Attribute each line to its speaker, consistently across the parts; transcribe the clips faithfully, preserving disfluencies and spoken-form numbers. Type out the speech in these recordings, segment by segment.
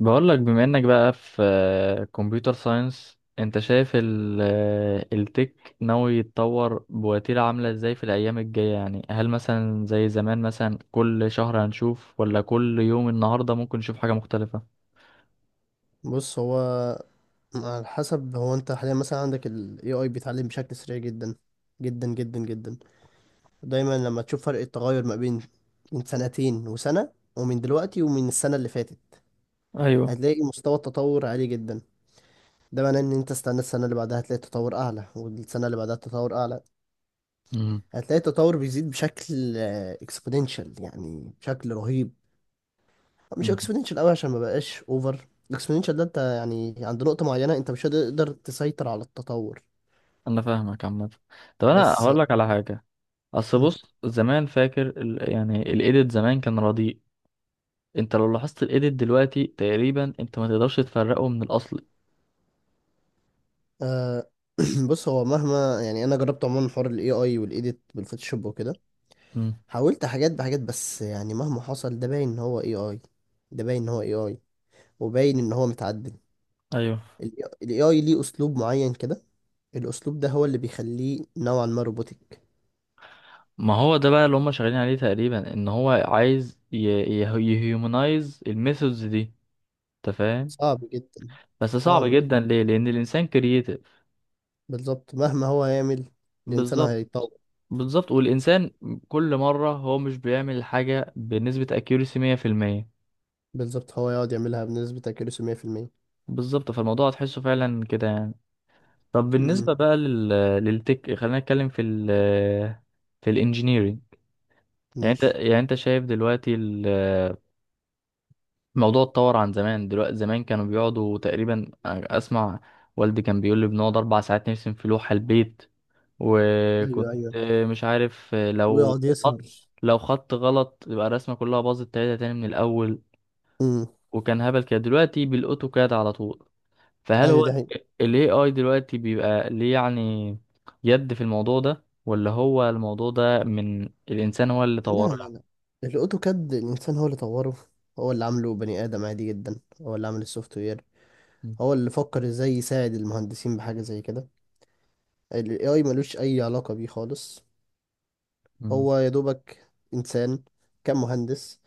Speaker 1: بقول لك بما انك بقى في كمبيوتر ساينس، انت شايف ال التك ناوي يتطور بوتيرة عاملة ازاي في الايام الجاية؟ يعني هل مثلا زي زمان مثلا كل شهر هنشوف ولا كل يوم النهاردة ممكن نشوف حاجة مختلفة؟
Speaker 2: بص، هو على حسب. هو انت حاليا مثلا عندك ال إيه آي بيتعلم بشكل سريع جدا جدا جدا جدا. دايما لما تشوف فرق التغير ما بين من سنتين وسنة، ومن دلوقتي، ومن السنة اللي فاتت،
Speaker 1: ايوه.
Speaker 2: هتلاقي مستوى التطور عالي جدا. ده معناه ان انت استنى السنة اللي بعدها هتلاقي التطور اعلى، والسنة اللي بعدها التطور اعلى.
Speaker 1: امم.
Speaker 2: هتلاقي التطور بيزيد بشكل اكسبوننشال، يعني بشكل رهيب. مش
Speaker 1: أمم.
Speaker 2: اكسبوننشال قوي عشان ما بقاش اوفر. الاكسبوننشال ده انت يعني عند نقطة معينة انت مش هتقدر تسيطر على التطور.
Speaker 1: انا فاهمك عامة. طب انا
Speaker 2: بس
Speaker 1: هقول لك على حاجة. اصل بص، زمان فاكر ال يعني الايديت زمان كان رديء. انت لو لاحظت الايديت دلوقتي تقريبا انت ما تقدرش تفرقه من الاصل.
Speaker 2: آه بص، هو مهما يعني انا جربت عموما حوار الاي اي والايديت بالفوتوشوب وكده.
Speaker 1: أمم.
Speaker 2: حاولت حاجات بحاجات، بس يعني مهما حصل ده باين ان هو اي اي ده باين ان هو اي اي وباين ان هو متعدل.
Speaker 1: ايوه.
Speaker 2: الاي اي ليه اسلوب معين كده. الاسلوب ده هو اللي بيخليه نوعا ما روبوتك.
Speaker 1: ما هو ده بقى اللي هم شغالين عليه تقريبا، ان هو عايز يهيومنايز الميثودز دي، انت فاهم؟
Speaker 2: صعب جدا،
Speaker 1: بس صعب
Speaker 2: صعب جدا.
Speaker 1: جدا ليه؟ لان الانسان كرييتيف.
Speaker 2: بالظبط مهما هو يعمل الانسان
Speaker 1: بالظبط.
Speaker 2: هيتطور.
Speaker 1: بالظبط، والانسان كل مره هو مش بيعمل حاجه بنسبه اكيوريسي مية في المية.
Speaker 2: بالظبط هو يقعد يعملها بنسبة accuracy مية في المية.
Speaker 1: بالظبط، فالموضوع هتحسه فعلا كده يعني. طب
Speaker 2: امم،
Speaker 1: بالنسبه بقى لل، للتك، خلينا نتكلم في ال، في الانجينيرينج. يعني انت،
Speaker 2: ماشي.
Speaker 1: يعني انت شايف دلوقتي الموضوع اتطور عن زمان؟ دلوقتي زمان كانوا بيقعدوا تقريبا، اسمع، والدي كان بيقول لي بنقعد اربع ساعات نرسم في لوحة البيت.
Speaker 2: ايوه،
Speaker 1: وكنت
Speaker 2: ايوه.
Speaker 1: مش عارف، لو
Speaker 2: ويقعد يسهر.
Speaker 1: خط لو خط غلط يبقى الرسمة كلها باظت، تلاته تاني من الاول. وكان هبل كده. دلوقتي بالاوتوكاد على طول. فهل
Speaker 2: ايوه،
Speaker 1: هو
Speaker 2: دي حقيقة.
Speaker 1: ال إيه آي دلوقتي بيبقى ليه يعني يد في الموضوع ده، ولا هو الموضوع ده من الانسان هو اللي
Speaker 2: لا،
Speaker 1: طوره
Speaker 2: لا،
Speaker 1: يعني؟
Speaker 2: لا، الاوتوكاد الانسان هو اللي طوره. هو اللي عامله، بني ادم عادي جدا هو اللي عامل السوفت وير.
Speaker 1: م-
Speaker 2: هو اللي فكر ازاي يساعد المهندسين بحاجه زي كده. الاي اي ملوش اي علاقه بيه خالص.
Speaker 1: م-
Speaker 2: هو يا دوبك انسان، كان مهندس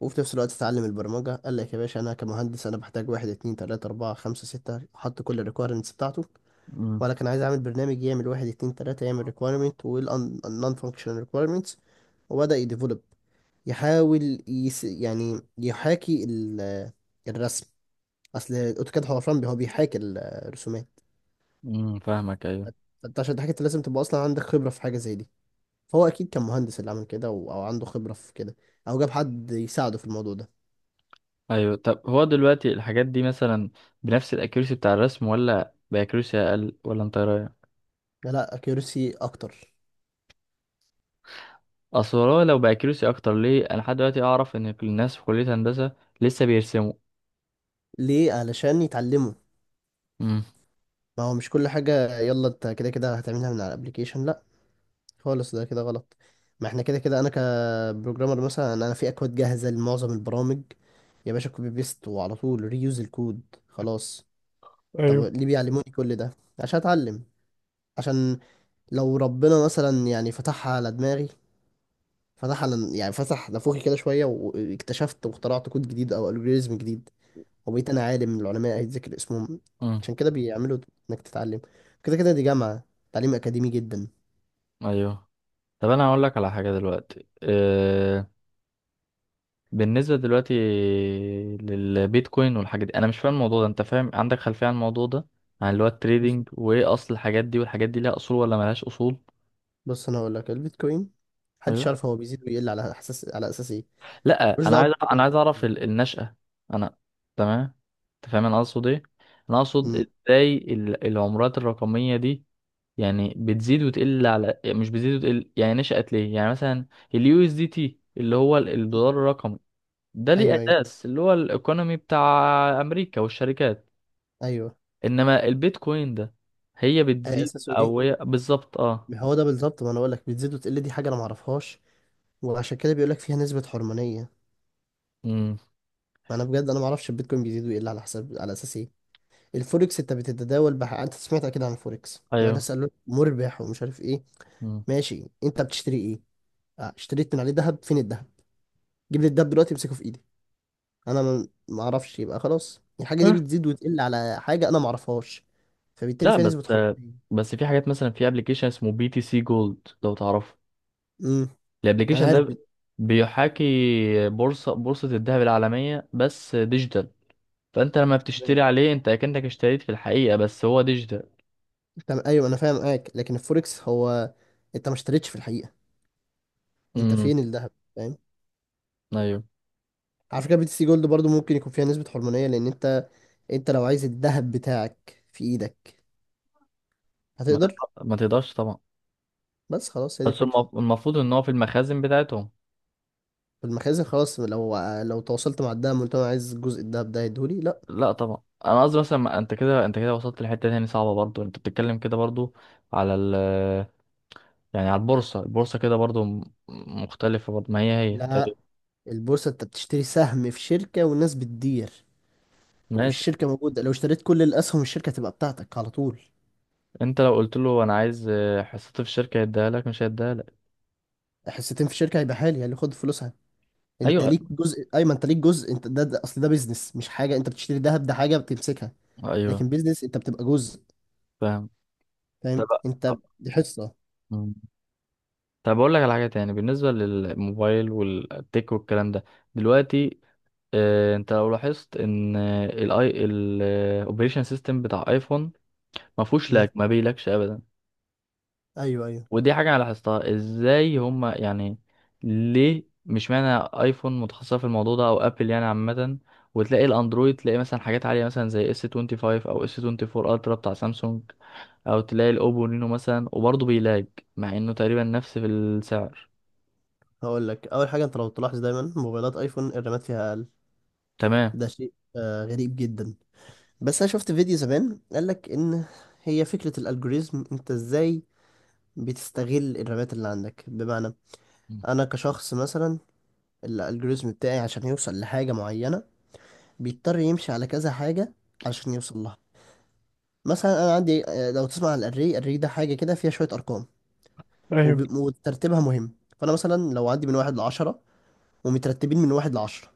Speaker 2: وفي نفس الوقت اتعلم البرمجه، قال لك يا باشا انا كمهندس انا بحتاج واحد، اتنين، تلاته، اربعه، خمسه، سته، حط كل الريكويرمنتس بتاعته.
Speaker 1: م-
Speaker 2: ولا كان عايز اعمل برنامج يعمل واحد، اتنين، تلاته، يعمل ريكويرمنت والنون فانكشنال ريكويرمنتس. وبدا يديفلوب، يحاول يس يعني يحاكي ال- الرسم. اصل الاوتوكاد حوفران هو بيحاكي الرسومات.
Speaker 1: م- فاهمك، أيوة.
Speaker 2: فانت عشان تحكي انت لازم تبقى اصلا عندك خبره في حاجه زي دي. فهو اكيد كان مهندس اللي عمل كده، و- او عنده خبره في كده، او جاب حد يساعده في الموضوع ده.
Speaker 1: ايوه، طب هو دلوقتي الحاجات دي مثلا بنفس الاكيرسي بتاع الرسم ولا باكيرسي اقل، ولا انت إيه رايك؟
Speaker 2: لا، لا، اكيورسي اكتر.
Speaker 1: اصل هو لو باكيرسي اكتر، ليه انا لحد دلوقتي اعرف ان الناس في كليه هندسه لسه بيرسموا؟
Speaker 2: ليه؟ علشان يتعلموا.
Speaker 1: امم.
Speaker 2: ما هو مش كل حاجه يلا انت كده كده هتعملها من على الابليكيشن، لا. خالص، ده كده غلط. ما احنا كده كده انا كبروجرامر مثلا انا في اكواد جاهزه لمعظم البرامج. يا باشا كوبي بيست وعلى طول ريوز الكود، خلاص. طب
Speaker 1: ايوه.
Speaker 2: ليه بيعلموني كل ده؟ عشان اتعلم. عشان لو ربنا مثلا يعني فتحها على دماغي، فتح على يعني فتح نافوخي كده شويه، واكتشفت واخترعت كود جديد او الجوريزم جديد، وبقيت انا عالم من العلماء هيتذكر اسمهم.
Speaker 1: امم.
Speaker 2: عشان كده بيعملوا انك تتعلم. كده كده دي جامعه، تعليم اكاديمي جدا.
Speaker 1: ايوه. طب انا هقول لك على حاجه دلوقتي أه... بالنسبه دلوقتي للبيتكوين والحاجات دي، انا مش فاهم الموضوع ده. انت فاهم؟ عندك خلفيه عن الموضوع ده، عن اللي هو التريدينج وايه اصل الحاجات دي؟ والحاجات دي ليها اصول ولا ملهاش اصول؟
Speaker 2: بص، انا هقول لك البيتكوين محدش
Speaker 1: أيوة.
Speaker 2: يعرف هو بيزيد ويقل على اساس على اساس ايه.
Speaker 1: لا،
Speaker 2: ملوش
Speaker 1: انا
Speaker 2: دعوه
Speaker 1: عايز، انا
Speaker 2: بالتكن.
Speaker 1: عايز اعرف ال- النشأة. انا، تمام. انت فاهم انا اقصد ايه؟ انا اقصد
Speaker 2: مم.
Speaker 1: ازاي ال- العملات الرقمية دي يعني بتزيد وتقل على، يعني مش بتزيد وتقل، يعني نشأت ليه؟ يعني مثلا اليو اس دي تي اللي هو ال- الدولار الرقمي، ده ليه
Speaker 2: ايوه، ايوه،
Speaker 1: اساس، اللي هو الايكونومي بتاع امريكا والشركات.
Speaker 2: ايوه.
Speaker 1: انما البيتكوين ده هي
Speaker 2: أي
Speaker 1: بتزيد
Speaker 2: اساسه
Speaker 1: او
Speaker 2: ايه.
Speaker 1: هي بالظبط، اه.
Speaker 2: ما هو ده بالظبط، ما انا بقول لك بتزيد وتقل دي حاجه انا ما اعرفهاش. وعشان كده بيقول لك فيها نسبه حرمانيه.
Speaker 1: امم.
Speaker 2: ما انا بجد انا ما اعرفش البيتكوين بيزيد ويقل على حساب، على اساس ايه. الفوركس انت بتتداول بح... انت سمعت اكيد عن الفوركس، ولا
Speaker 1: ايوه.
Speaker 2: سالوك مربح ومش عارف ايه.
Speaker 1: مم.
Speaker 2: ماشي، انت بتشتري ايه؟ آه، اشتريت من عليه ذهب، فين الذهب؟ جيب لي الذهب دلوقتي امسكه في ايدك. انا ما ما اعرفش، يبقى خلاص الحاجه دي بتزيد وتقل على حاجه انا ما اعرفهاش، فبالتالي
Speaker 1: لا
Speaker 2: فيها
Speaker 1: بس،
Speaker 2: نسبه حريه.
Speaker 1: بس في حاجات مثلا، في ابلكيشن اسمه بي تي سي جولد، لو تعرفه.
Speaker 2: امم. انا
Speaker 1: الابلكيشن لا،
Speaker 2: عارف
Speaker 1: ده
Speaker 2: بت-
Speaker 1: بيحاكي بورصة بورصة الذهب العالمية، بس ديجيتال. فانت لما
Speaker 2: تمام،
Speaker 1: بتشتري عليه انت اكنك اشتريت في الحقيقة، بس هو ديجيتال.
Speaker 2: تمام. ايوه انا فاهم معاك، لكن الفوركس هو انت ما اشتريتش في الحقيقه. انت
Speaker 1: امم.
Speaker 2: فين الذهب؟ فاهم.
Speaker 1: ايوه.
Speaker 2: على فكره بي تي سي جولد برضو ممكن يكون فيها نسبه حرمانيه، لان انت انت لو عايز الذهب بتاعك في ايدك
Speaker 1: ما
Speaker 2: هتقدر؟
Speaker 1: تقدر- ما تقدرش طبعا.
Speaker 2: بس خلاص، هي دي
Speaker 1: بس
Speaker 2: الفكره.
Speaker 1: المف- المفروض ان هو في المخازن بتاعتهم.
Speaker 2: في المخازن، خلاص. لو لو تواصلت مع الدهب قلت له انا عايز جزء الذهب ده هيديهولي، لا.
Speaker 1: لا طبعا، انا قصدي مثلا، ما- انت كده، انت كده وصلت لحتة تاني صعبة برضو. انت بتتكلم كده برضو على ال، يعني على البورصة، البورصة كده برضو م- مختلفة برضو، ما هي هي
Speaker 2: لا،
Speaker 1: تقريبا.
Speaker 2: البورصه انت بتشتري سهم في شركه والناس بتدير.
Speaker 1: ماشي.
Speaker 2: والشركة موجودة، لو اشتريت كل الأسهم الشركة تبقى بتاعتك على طول.
Speaker 1: انت لو قلت له انا عايز، آه، حصتي في الشركه هيديها لك؟ مش هيديها لك.
Speaker 2: حصتين في الشركة هيبقى حالي اللي خد فلوسها. أنت
Speaker 1: ايوه،
Speaker 2: ليك جزء أيمن، أنت ليك جزء. أنت ده, ده أصل ده بيزنس، مش حاجة أنت بتشتري دهب ده حاجة بتمسكها.
Speaker 1: ايوه.
Speaker 2: لكن بيزنس أنت بتبقى جزء.
Speaker 1: فاهم. طب.
Speaker 2: فاهم، أنت دي حصة.
Speaker 1: مم. طب اقول لك على حاجه تاني بالنسبه للموبايل والتك والكلام ده دلوقتي. آه، انت لو لاحظت ان الاي الاوبريشن سيستم بتاع ايفون ما فيهوش لاج،
Speaker 2: مم.
Speaker 1: ما بيلاكش ابدا.
Speaker 2: أيوه، أيوه.
Speaker 1: ودي حاجة أنا لاحظتها، إزاي هما يعني؟ ليه؟ مش معنى أيفون متخصصة في الموضوع ده، أو أبل يعني عامة. وتلاقي الأندرويد، تلاقي مثلا حاجات عالية، مثلا زي اس خمسة وعشرين أو اس اربعة وعشرين ألترا بتاع سامسونج، أو تلاقي الأوبو رينو مثلا، وبرضه بيلاج مع إنه تقريبا نفس في السعر.
Speaker 2: هقول لك أول حاجة، أنت لو تلاحظ دايما موبايلات أيفون الرامات فيها أقل.
Speaker 1: تمام.
Speaker 2: ده شيء آه غريب جدا. بس أنا شفت فيديو زمان قال لك إن هي فكرة الألجوريزم، أنت إزاي بتستغل الرامات اللي عندك؟ بمعنى
Speaker 1: م.
Speaker 2: انا كشخص مثلا الالجوريزم بتاعي عشان يوصل لحاجة معينة بيضطر يمشي على كذا حاجة عشان يوصل لها. مثلا انا عندي، آه، لو تسمع عن الاري، الاري ده حاجة كده فيها شوية ارقام، وب- وترتيبها مهم. فانا مثلا لو عندي من واحد لعشرة ومترتبين من واحد لعشرة،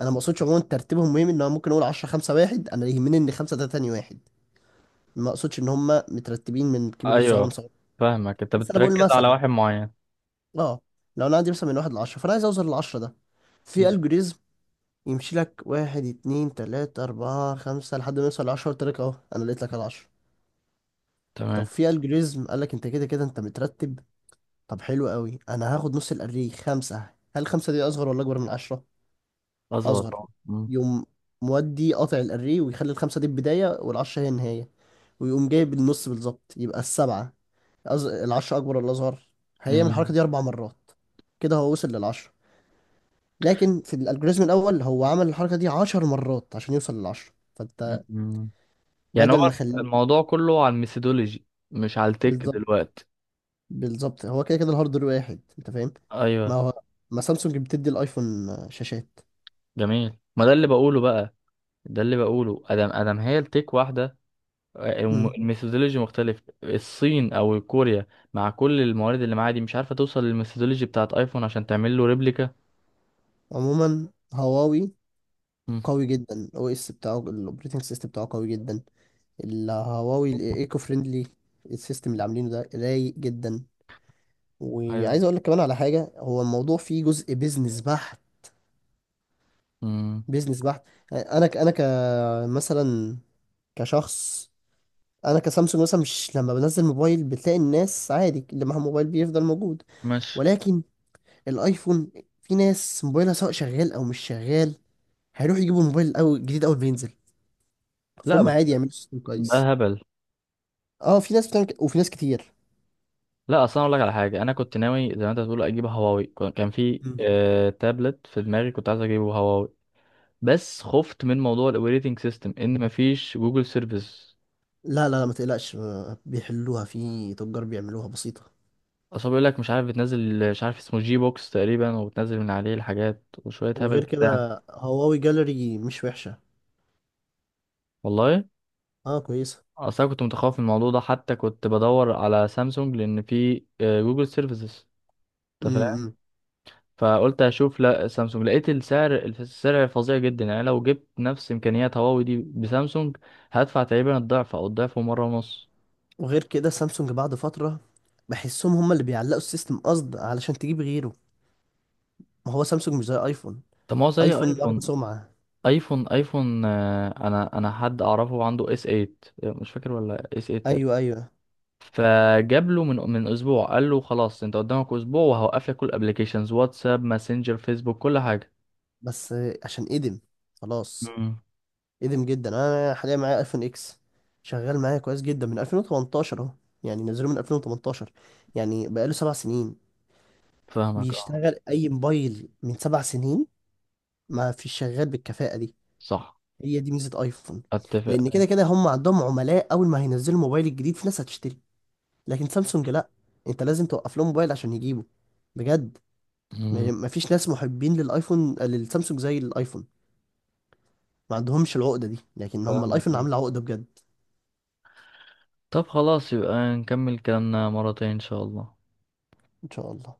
Speaker 2: انا ما اقصدش عموما ترتيبهم مهم، ان انا ممكن اقول عشرة خمسة واحد، انا يهمني ان خمسة ده تاني واحد، ما اقصدش ان هم مترتبين من كبير لصغير
Speaker 1: أيوه،
Speaker 2: لصغير
Speaker 1: فاهمك، أنت
Speaker 2: بس انا بقول
Speaker 1: بتركز على
Speaker 2: مثلا
Speaker 1: واحد معين.
Speaker 2: اه لو انا عندي مثلا من واحد لعشرة، فانا عايز اوصل للعشرة ده، في
Speaker 1: م.
Speaker 2: algorithm يمشي لك واحد، اتنين، تلاتة، أربعة، خمسة، لحد ما يوصل لعشرة، قلت لك أهو أنا لقيت لك العشرة. طب
Speaker 1: تمام.
Speaker 2: في الجوريزم قال لك أنت كده كده أنت مترتب، طب حلو قوي، أنا هاخد نص الأريه خمسة. هل خمسة دي أصغر ولا أكبر من عشرة؟
Speaker 1: أظبط
Speaker 2: أصغر.
Speaker 1: طبعا. م.
Speaker 2: يقوم مودي قاطع الأريه ويخلي الخمسة دي البداية والعشرة هي النهاية. ويقوم جايب النص بالظبط يبقى السبعة. أز... العشرة أكبر ولا أصغر؟ هيعمل
Speaker 1: م.
Speaker 2: الحركة دي أربع مرات، كده هو وصل للعشرة. لكن في الالجوريزم الأول هو عمل الحركة دي عشر مرات عشان يوصل للعشرة،
Speaker 1: م.
Speaker 2: فأنت
Speaker 1: م. يعني
Speaker 2: بدل
Speaker 1: هو
Speaker 2: ما اخليه.
Speaker 1: الموضوع كله على الميثودولوجي مش على التك
Speaker 2: بالظبط،
Speaker 1: دلوقتي.
Speaker 2: بالظبط. هو كده كده الهاردوير واحد، انت فاهم؟ ما
Speaker 1: ايوه.
Speaker 2: هو ما سامسونج بتدي الايفون آه، شاشات.
Speaker 1: جميل، ما ده اللي بقوله بقى، ده اللي بقوله، ادم ادم، هي التك واحده. آه، الم-
Speaker 2: مم.
Speaker 1: الميثودولوجي مختلف. الصين او كوريا، مع كل الموارد اللي معاها دي، مش عارفه توصل للميثودولوجي بتاعت ايفون عشان تعمل له ريبليكا.
Speaker 2: عموما هواوي
Speaker 1: مم.
Speaker 2: قوي جدا، الاو اس بتاعه الاوبريتنج سيستم بتاعه قوي جدا. الهواوي الايكو فريندلي، السيستم اللي عاملينه ده رايق جدا.
Speaker 1: ايوه.
Speaker 2: وعايز اقول لك كمان على حاجه، هو الموضوع فيه جزء بيزنس بحت،
Speaker 1: مم.
Speaker 2: بيزنس بحت. انا ك- انا كمثلا كشخص. انا كسامسونج مثلا مش لما بنزل موبايل بتلاقي الناس عادي اللي معاها موبايل بيفضل موجود.
Speaker 1: ماشي.
Speaker 2: ولكن الايفون في ناس موبايلها سواء شغال او مش شغال هيروح يجيبوا موبايل او جديد اول ما ينزل،
Speaker 1: لا
Speaker 2: فهم
Speaker 1: بس،
Speaker 2: عادي يعملوا سيستم كويس.
Speaker 1: ده هبل.
Speaker 2: اه، في ناس بتعمل كده وفي ناس كتير.
Speaker 1: لا اصلا، اقول لك على حاجه، انا كنت ناوي زي ما انت بتقول اجيب هواوي. كان كان في
Speaker 2: مم.
Speaker 1: آه تابلت في دماغي، كنت عايز اجيبه هواوي، بس خفت من موضوع الاوبريتنج سيستم ان مفيش جوجل سيرفيس.
Speaker 2: لا، لا، لا، ما تقلقش، آه، بيحلوها في تجار بيعملوها بسيطة.
Speaker 1: اصل بيقول لك مش عارف بتنزل، مش عارف اسمه جي بوكس تقريبا، وبتنزل من عليه الحاجات وشوية هبل
Speaker 2: وغير
Speaker 1: كده يعني.
Speaker 2: كده هواوي جاليري مش وحشة.
Speaker 1: والله.
Speaker 2: اه، كويسة.
Speaker 1: اه، اصل انا كنت متخوف من الموضوع ده حتى كنت بدور على سامسونج لان في آه، جوجل سيرفيسز، انت فاهم.
Speaker 2: امم.
Speaker 1: فقلت اشوف لا سامسونج، لقيت السعر، السعر فظيع جدا يعني. لو جبت نفس امكانيات هواوي دي بسامسونج هدفع تقريبا الضعف او الضعف ومره ونص.
Speaker 2: وغير كده سامسونج بعد فترة بحسهم هم اللي بيعلقوا السيستم قصد علشان تجيب غيره. ما هو سامسونج مش زي ايفون.
Speaker 1: طب ما هو زي
Speaker 2: ايفون واخد
Speaker 1: ايفون.
Speaker 2: سمعة.
Speaker 1: ايفون، ايفون آه، انا انا حد اعرفه عنده اس تمنية، مش فاكر ولا اس تمنية.
Speaker 2: ايوه، ايوه.
Speaker 1: فجاب له من من اسبوع، قال له خلاص انت قدامك اسبوع وهوقف لك كل الابلكيشنز، واتساب ماسنجر فيسبوك كل حاجه.
Speaker 2: بس عشان ادم، خلاص.
Speaker 1: مم.
Speaker 2: ادم جدا. انا حاليا معايا ايفون اكس، شغال معايا كويس جدا من ألفين وتمنتاشر اهو، يعني نزله من ألفين وتمنتاشر، يعني بقاله سبع سنين.
Speaker 1: فاهمك، اه.
Speaker 2: بيشتغل اي موبايل من سبع سنين ما فيش شغال بالكفاءة دي.
Speaker 1: صح.
Speaker 2: هي دي ميزة ايفون،
Speaker 1: اتفق.
Speaker 2: لان كده كده هم عندهم عملاء، اول ما هينزلوا الموبايل الجديد في ناس هتشتري. لكن سامسونج لا، انت لازم توقف لهم موبايل عشان يجيبه. بجد،
Speaker 1: مم.
Speaker 2: ما ما فيش ناس محبين للايفون للسامسونج زي الايفون. ما عندهمش العقدة دي، لكن هم
Speaker 1: فاهمك،
Speaker 2: الايفون
Speaker 1: اه.
Speaker 2: عامل عقدة بجد.
Speaker 1: طب خلاص يبقى نكمل كلامنا مرتين ان شاء الله.
Speaker 2: ان شاء الله.